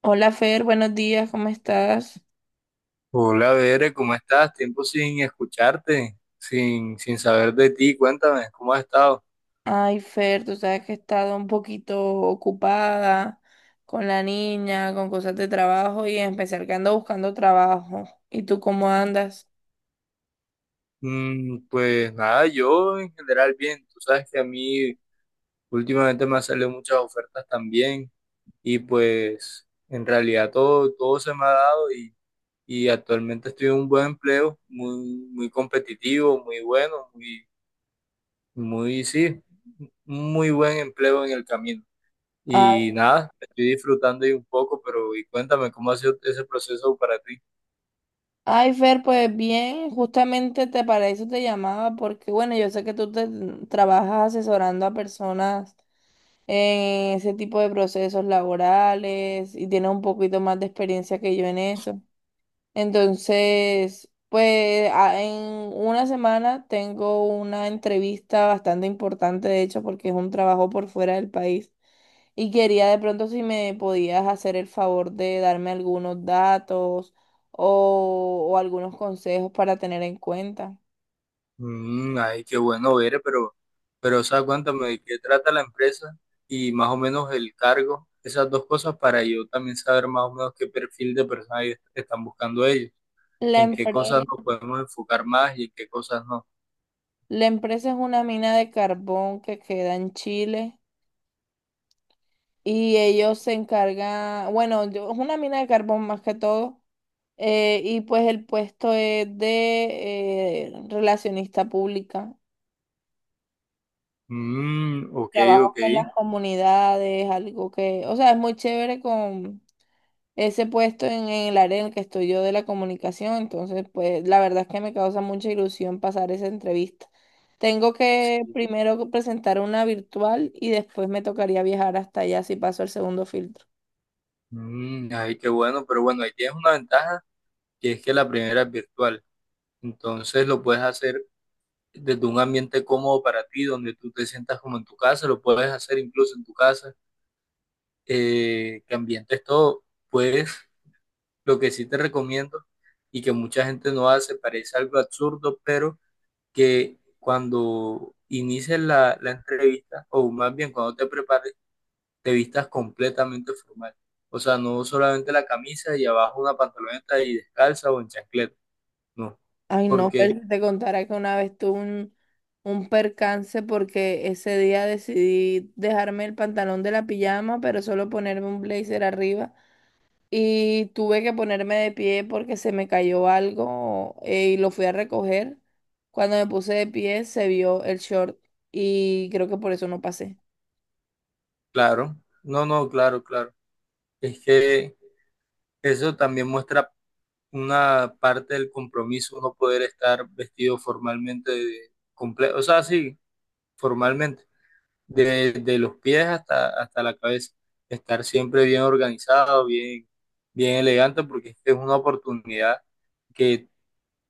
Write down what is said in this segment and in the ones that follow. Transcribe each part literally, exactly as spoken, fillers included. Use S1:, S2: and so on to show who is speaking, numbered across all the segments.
S1: Hola Fer, buenos días, ¿cómo estás?
S2: Hola, Bere, ¿cómo estás? Tiempo sin escucharte, sin, sin saber de ti. Cuéntame, ¿cómo has estado?
S1: Ay Fer, tú sabes que he estado un poquito ocupada con la niña, con cosas de trabajo y en especial que ando buscando trabajo. ¿Y tú cómo andas?
S2: Mm, pues nada, yo en general bien. Tú sabes que a mí últimamente me han salido muchas ofertas también y pues en realidad todo, todo se me ha dado y, y actualmente estoy en un buen empleo, muy, muy competitivo, muy bueno, muy, muy, sí, muy buen empleo en el camino.
S1: Ah,
S2: Y nada, estoy disfrutando ahí un poco, pero y cuéntame cómo ha sido ese proceso para ti.
S1: Ay Fer, pues bien, justamente te para eso te llamaba porque bueno, yo sé que tú te trabajas asesorando a personas en ese tipo de procesos laborales y tienes un poquito más de experiencia que yo en eso. Entonces, pues a- en una semana tengo una entrevista bastante importante, de hecho, porque es un trabajo por fuera del país. Y quería de pronto si me podías hacer el favor de darme algunos datos o, o algunos consejos para tener en cuenta.
S2: Mm, ay, qué bueno ver, eh, pero, pero, o sea, cuéntame de qué trata la empresa y más o menos el cargo, esas dos cosas para yo también saber más o menos qué perfil de personas ellos- están buscando ellos,
S1: La
S2: en qué cosas
S1: empresa,
S2: nos podemos enfocar más y en qué cosas no.
S1: la empresa es una mina de carbón que queda en Chile y ellos se encargan, bueno, yo- es una mina de carbón más que todo. Eh, y pues el puesto es de eh, relacionista pública.
S2: Mm, ok,
S1: Trabajo
S2: ok.
S1: con las comunidades, algo que, o sea, es muy chévere con ese puesto en, en el área en el que estoy yo de la comunicación. Entonces, pues la verdad es que me causa mucha ilusión pasar esa entrevista. Tengo
S2: Sí.
S1: que primero presentar una virtual y después me tocaría viajar hasta allá si paso el segundo filtro.
S2: Mm, ay, qué bueno, pero bueno, ahí tienes una ventaja que es que la primera es virtual, entonces lo puedes hacer desde un ambiente cómodo para ti, donde tú te sientas como en tu casa, lo puedes hacer incluso en tu casa, eh, que ambientes todo, pues lo que sí te recomiendo y que mucha gente no hace, parece algo absurdo, pero que cuando inicies la, la entrevista, o más bien cuando te prepares, te vistas completamente formal. O sea, no solamente la camisa y abajo una pantaloneta y descalza o en chancleta, no.
S1: Ay, no,
S2: Porque,
S1: pero si te contara que una vez tuve un, un percance porque ese día decidí dejarme el pantalón de la pijama, pero solo ponerme un blazer arriba. Y tuve que ponerme de pie porque se me cayó algo, eh, y lo fui a recoger. Cuando me puse de pie se vio el short y creo que por eso no pasé.
S2: claro, no, no, claro, claro. Es que eso también muestra una parte del compromiso, uno poder estar vestido formalmente, de comple- o sea, sí, formalmente, de, de los pies hasta, hasta la cabeza, estar siempre bien organizado, bien, bien elegante, porque es que es una oportunidad que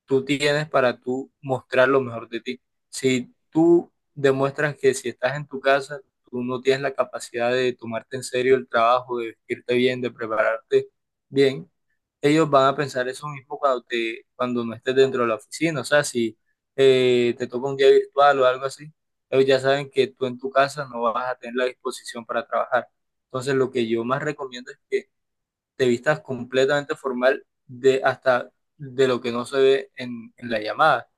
S2: tú tienes para tú mostrar lo mejor de ti. Si tú demuestras que si estás en tu casa, tú no tienes la capacidad de tomarte en serio el trabajo, de vestirte bien, de prepararte bien, ellos van a pensar eso mismo cuando te, cuando no estés dentro de la oficina. O sea, si eh, te toca un día virtual o algo así, ellos ya saben que tú en tu casa no vas a tener la disposición para trabajar. Entonces, lo que yo más recomiendo es que te vistas completamente formal, de hasta de lo que no se ve en, en la llamada,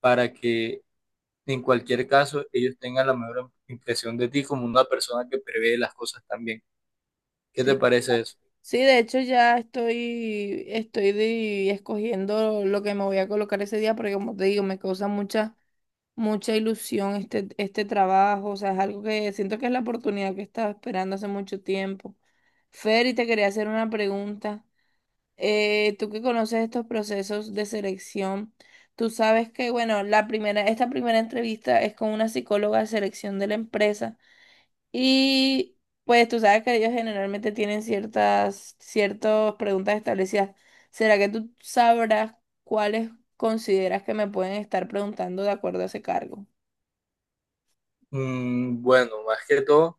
S2: para que en cualquier caso ellos tengan la mejor impresión de ti como una persona que prevé las cosas también. ¿Qué te
S1: Sí,
S2: parece eso?
S1: Sí, de hecho ya estoy, estoy de- escogiendo lo que me voy a colocar ese día porque como te digo, me causa mucha mucha ilusión este, este trabajo, o sea, es algo que siento que es la oportunidad que estaba esperando hace mucho tiempo. Fer, y te quería hacer una pregunta. Eh, tú que conoces estos procesos de selección, tú sabes que, bueno, la primera, esta primera entrevista es con una psicóloga de selección de la empresa y pues tú sabes que ellos generalmente tienen ciertas, ciertas preguntas establecidas. ¿Será que tú sabrás cuáles consideras que me pueden estar preguntando de acuerdo a ese cargo?
S2: Mm, bueno, más que todo,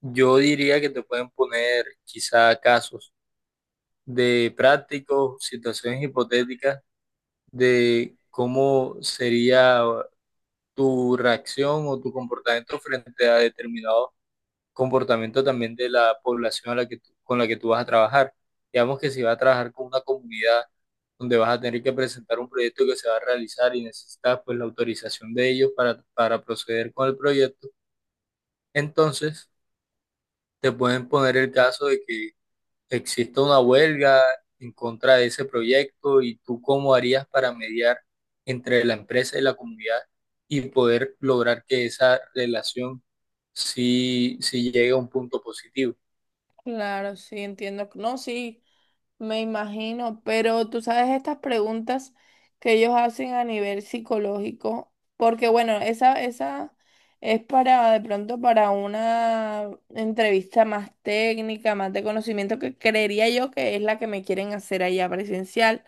S2: yo diría que te pueden poner quizá casos de prácticos, situaciones hipotéticas de cómo sería tu reacción o tu comportamiento frente a determinado comportamiento también de la población a la que tú- con la que tú vas a trabajar. Digamos que si vas a trabajar con una comunidad donde vas a tener que presentar un proyecto que se va a realizar y necesitas pues la autorización de ellos para, para proceder con el proyecto, entonces te pueden poner el caso de que existe una huelga en contra de ese proyecto y tú cómo harías para mediar entre la empresa y la comunidad y poder lograr que esa relación sí, sí llegue a un punto positivo.
S1: Claro, sí, entiendo. No, sí, me imagino, pero tú sabes estas preguntas que ellos hacen a nivel psicológico, porque bueno, esa, esa es para de pronto para una entrevista más técnica, más de conocimiento, que creería yo que es la que me quieren hacer allá presencial.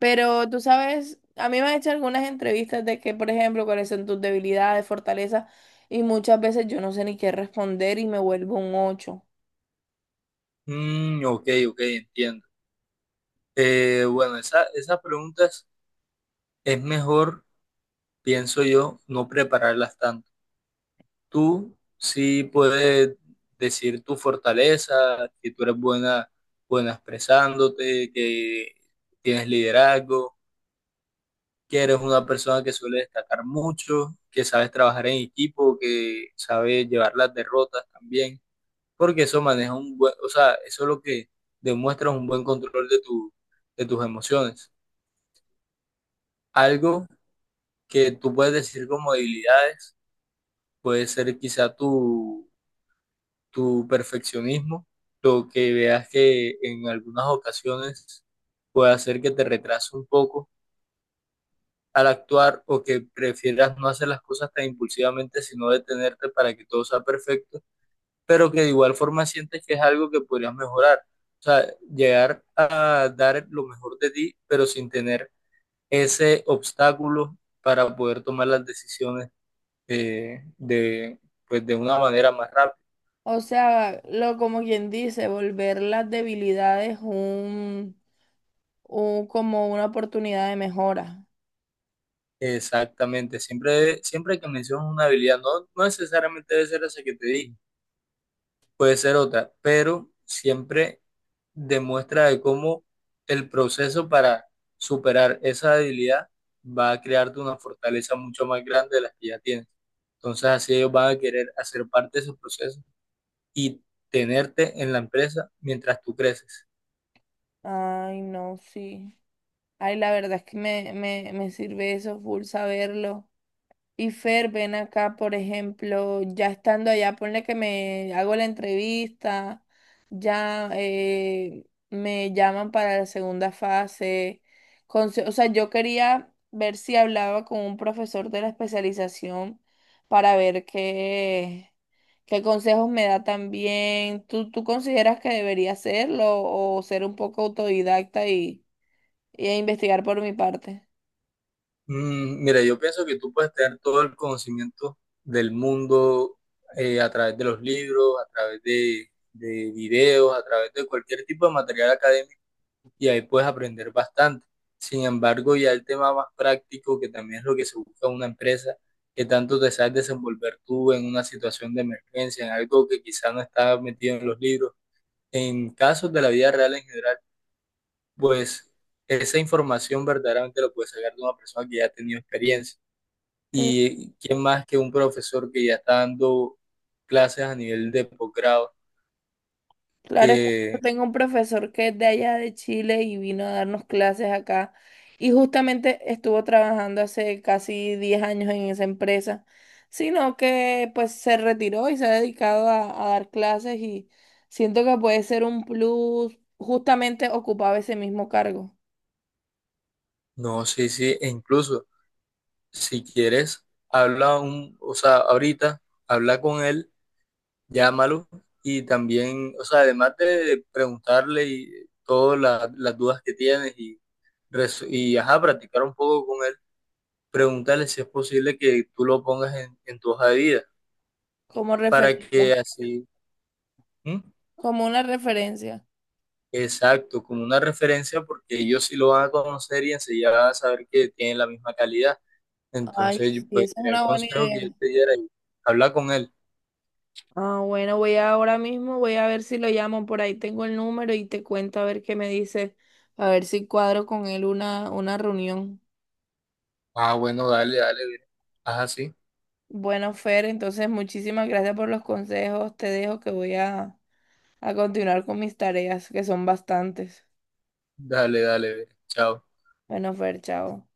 S1: Pero tú sabes, a mí me han hecho algunas entrevistas de que, por ejemplo, cuáles son tus debilidades, fortalezas, y muchas veces yo no sé ni qué responder y me vuelvo un ocho.
S2: Mm, ok, ok, entiendo. Eh, bueno, esa, esas preguntas es mejor, pienso yo, no prepararlas tanto. Tú sí puedes decir tu fortaleza, que tú eres buena, buena expresándote, que tienes liderazgo, que eres una persona que suele destacar mucho, que sabes trabajar en equipo, que sabes llevar las derrotas también, porque eso maneja un buen, o sea, eso es lo que demuestra un buen control de tu, de tus emociones. Algo que tú puedes decir como debilidades puede ser quizá tu, tu perfeccionismo, lo que veas que en algunas ocasiones puede hacer que te retrase un poco al actuar o que prefieras no hacer las cosas tan impulsivamente, sino detenerte para que todo sea perfecto, pero que de igual forma sientes que es algo que podrías mejorar. O sea, llegar a dar lo mejor de ti, pero sin tener ese obstáculo para poder tomar las decisiones eh, de, pues de una manera más rápida.
S1: O sea, lo como quien dice, volver las debilidades un, un como una oportunidad de mejora.
S2: Exactamente, siempre, siempre que mencionas una habilidad, no, no necesariamente debe ser esa que te dije, puede ser otra, pero siempre demuestra de cómo el proceso para superar esa debilidad va a crearte una fortaleza mucho más grande de las que ya tienes. Entonces así ellos van a querer hacer parte de ese proceso y tenerte en la empresa mientras tú creces.
S1: Ay, no, sí. Ay, la verdad es que me, me, me sirve eso full saberlo. Y Fer, ven acá, por ejemplo, ya estando allá, ponle que me hago la entrevista, ya eh, me llaman para la segunda fase. Conse- o sea, yo quería ver si hablaba con un profesor de la especialización para ver qué, qué consejos me da también. ¿Tú, tú consideras que debería hacerlo o ser un poco autodidacta y, y investigar por mi parte?
S2: Mm, mira, yo pienso que tú puedes tener todo el conocimiento del mundo, eh, a través de los libros, a través de, de videos, a través de cualquier tipo de material académico y ahí puedes aprender bastante. Sin embargo, ya el tema más práctico, que también es lo que se busca en una empresa, que tanto te sabes desenvolver tú en una situación de emergencia, en algo que quizás no está metido en los libros, en casos de la vida real en general, pues esa información verdaderamente la puedes sacar de una persona que ya ha tenido experiencia. Y quién más que un profesor que ya está dando clases a nivel de posgrado,
S1: Claro, es que yo
S2: que
S1: tengo un profesor que es de allá de Chile y vino a darnos clases acá y justamente estuvo trabajando hace casi diez años en esa empresa, sino que pues se retiró y se ha dedicado a, a dar clases y siento que puede ser un plus, justamente ocupaba ese mismo cargo
S2: no sé si, e incluso, si quieres, habla un, o sea, ahorita, habla con él, llámalo y también, o sea, además de preguntarle y todas la- las dudas que tienes y, res- y ajá, practicar un poco con él, pregúntale si es posible que tú lo pongas en, en tu hoja de vida
S1: como
S2: para
S1: referencia,
S2: que así, ¿Mm?
S1: como una referencia.
S2: Exacto, como una referencia, porque ellos sí lo van a conocer y enseguida van a saber que tienen la misma calidad.
S1: Ay,
S2: Entonces,
S1: sí,
S2: pues,
S1: esa es
S2: sería el
S1: una buena
S2: consejo
S1: idea.
S2: que yo te diera y habla con él.
S1: Ah, bueno, voy ahora mismo, voy a ver si lo llamo, por ahí tengo el número y te cuento a ver qué me dice, a ver si cuadro con él una, una reunión.
S2: Ah, bueno, dale, dale, Vero. Ajá, sí.
S1: Bueno, Fer, entonces muchísimas gracias por los consejos, te dejo que voy a, a continuar con mis tareas, que son bastantes.
S2: Dale, dale, Vero. Chao.
S1: Bueno, Fer, chao.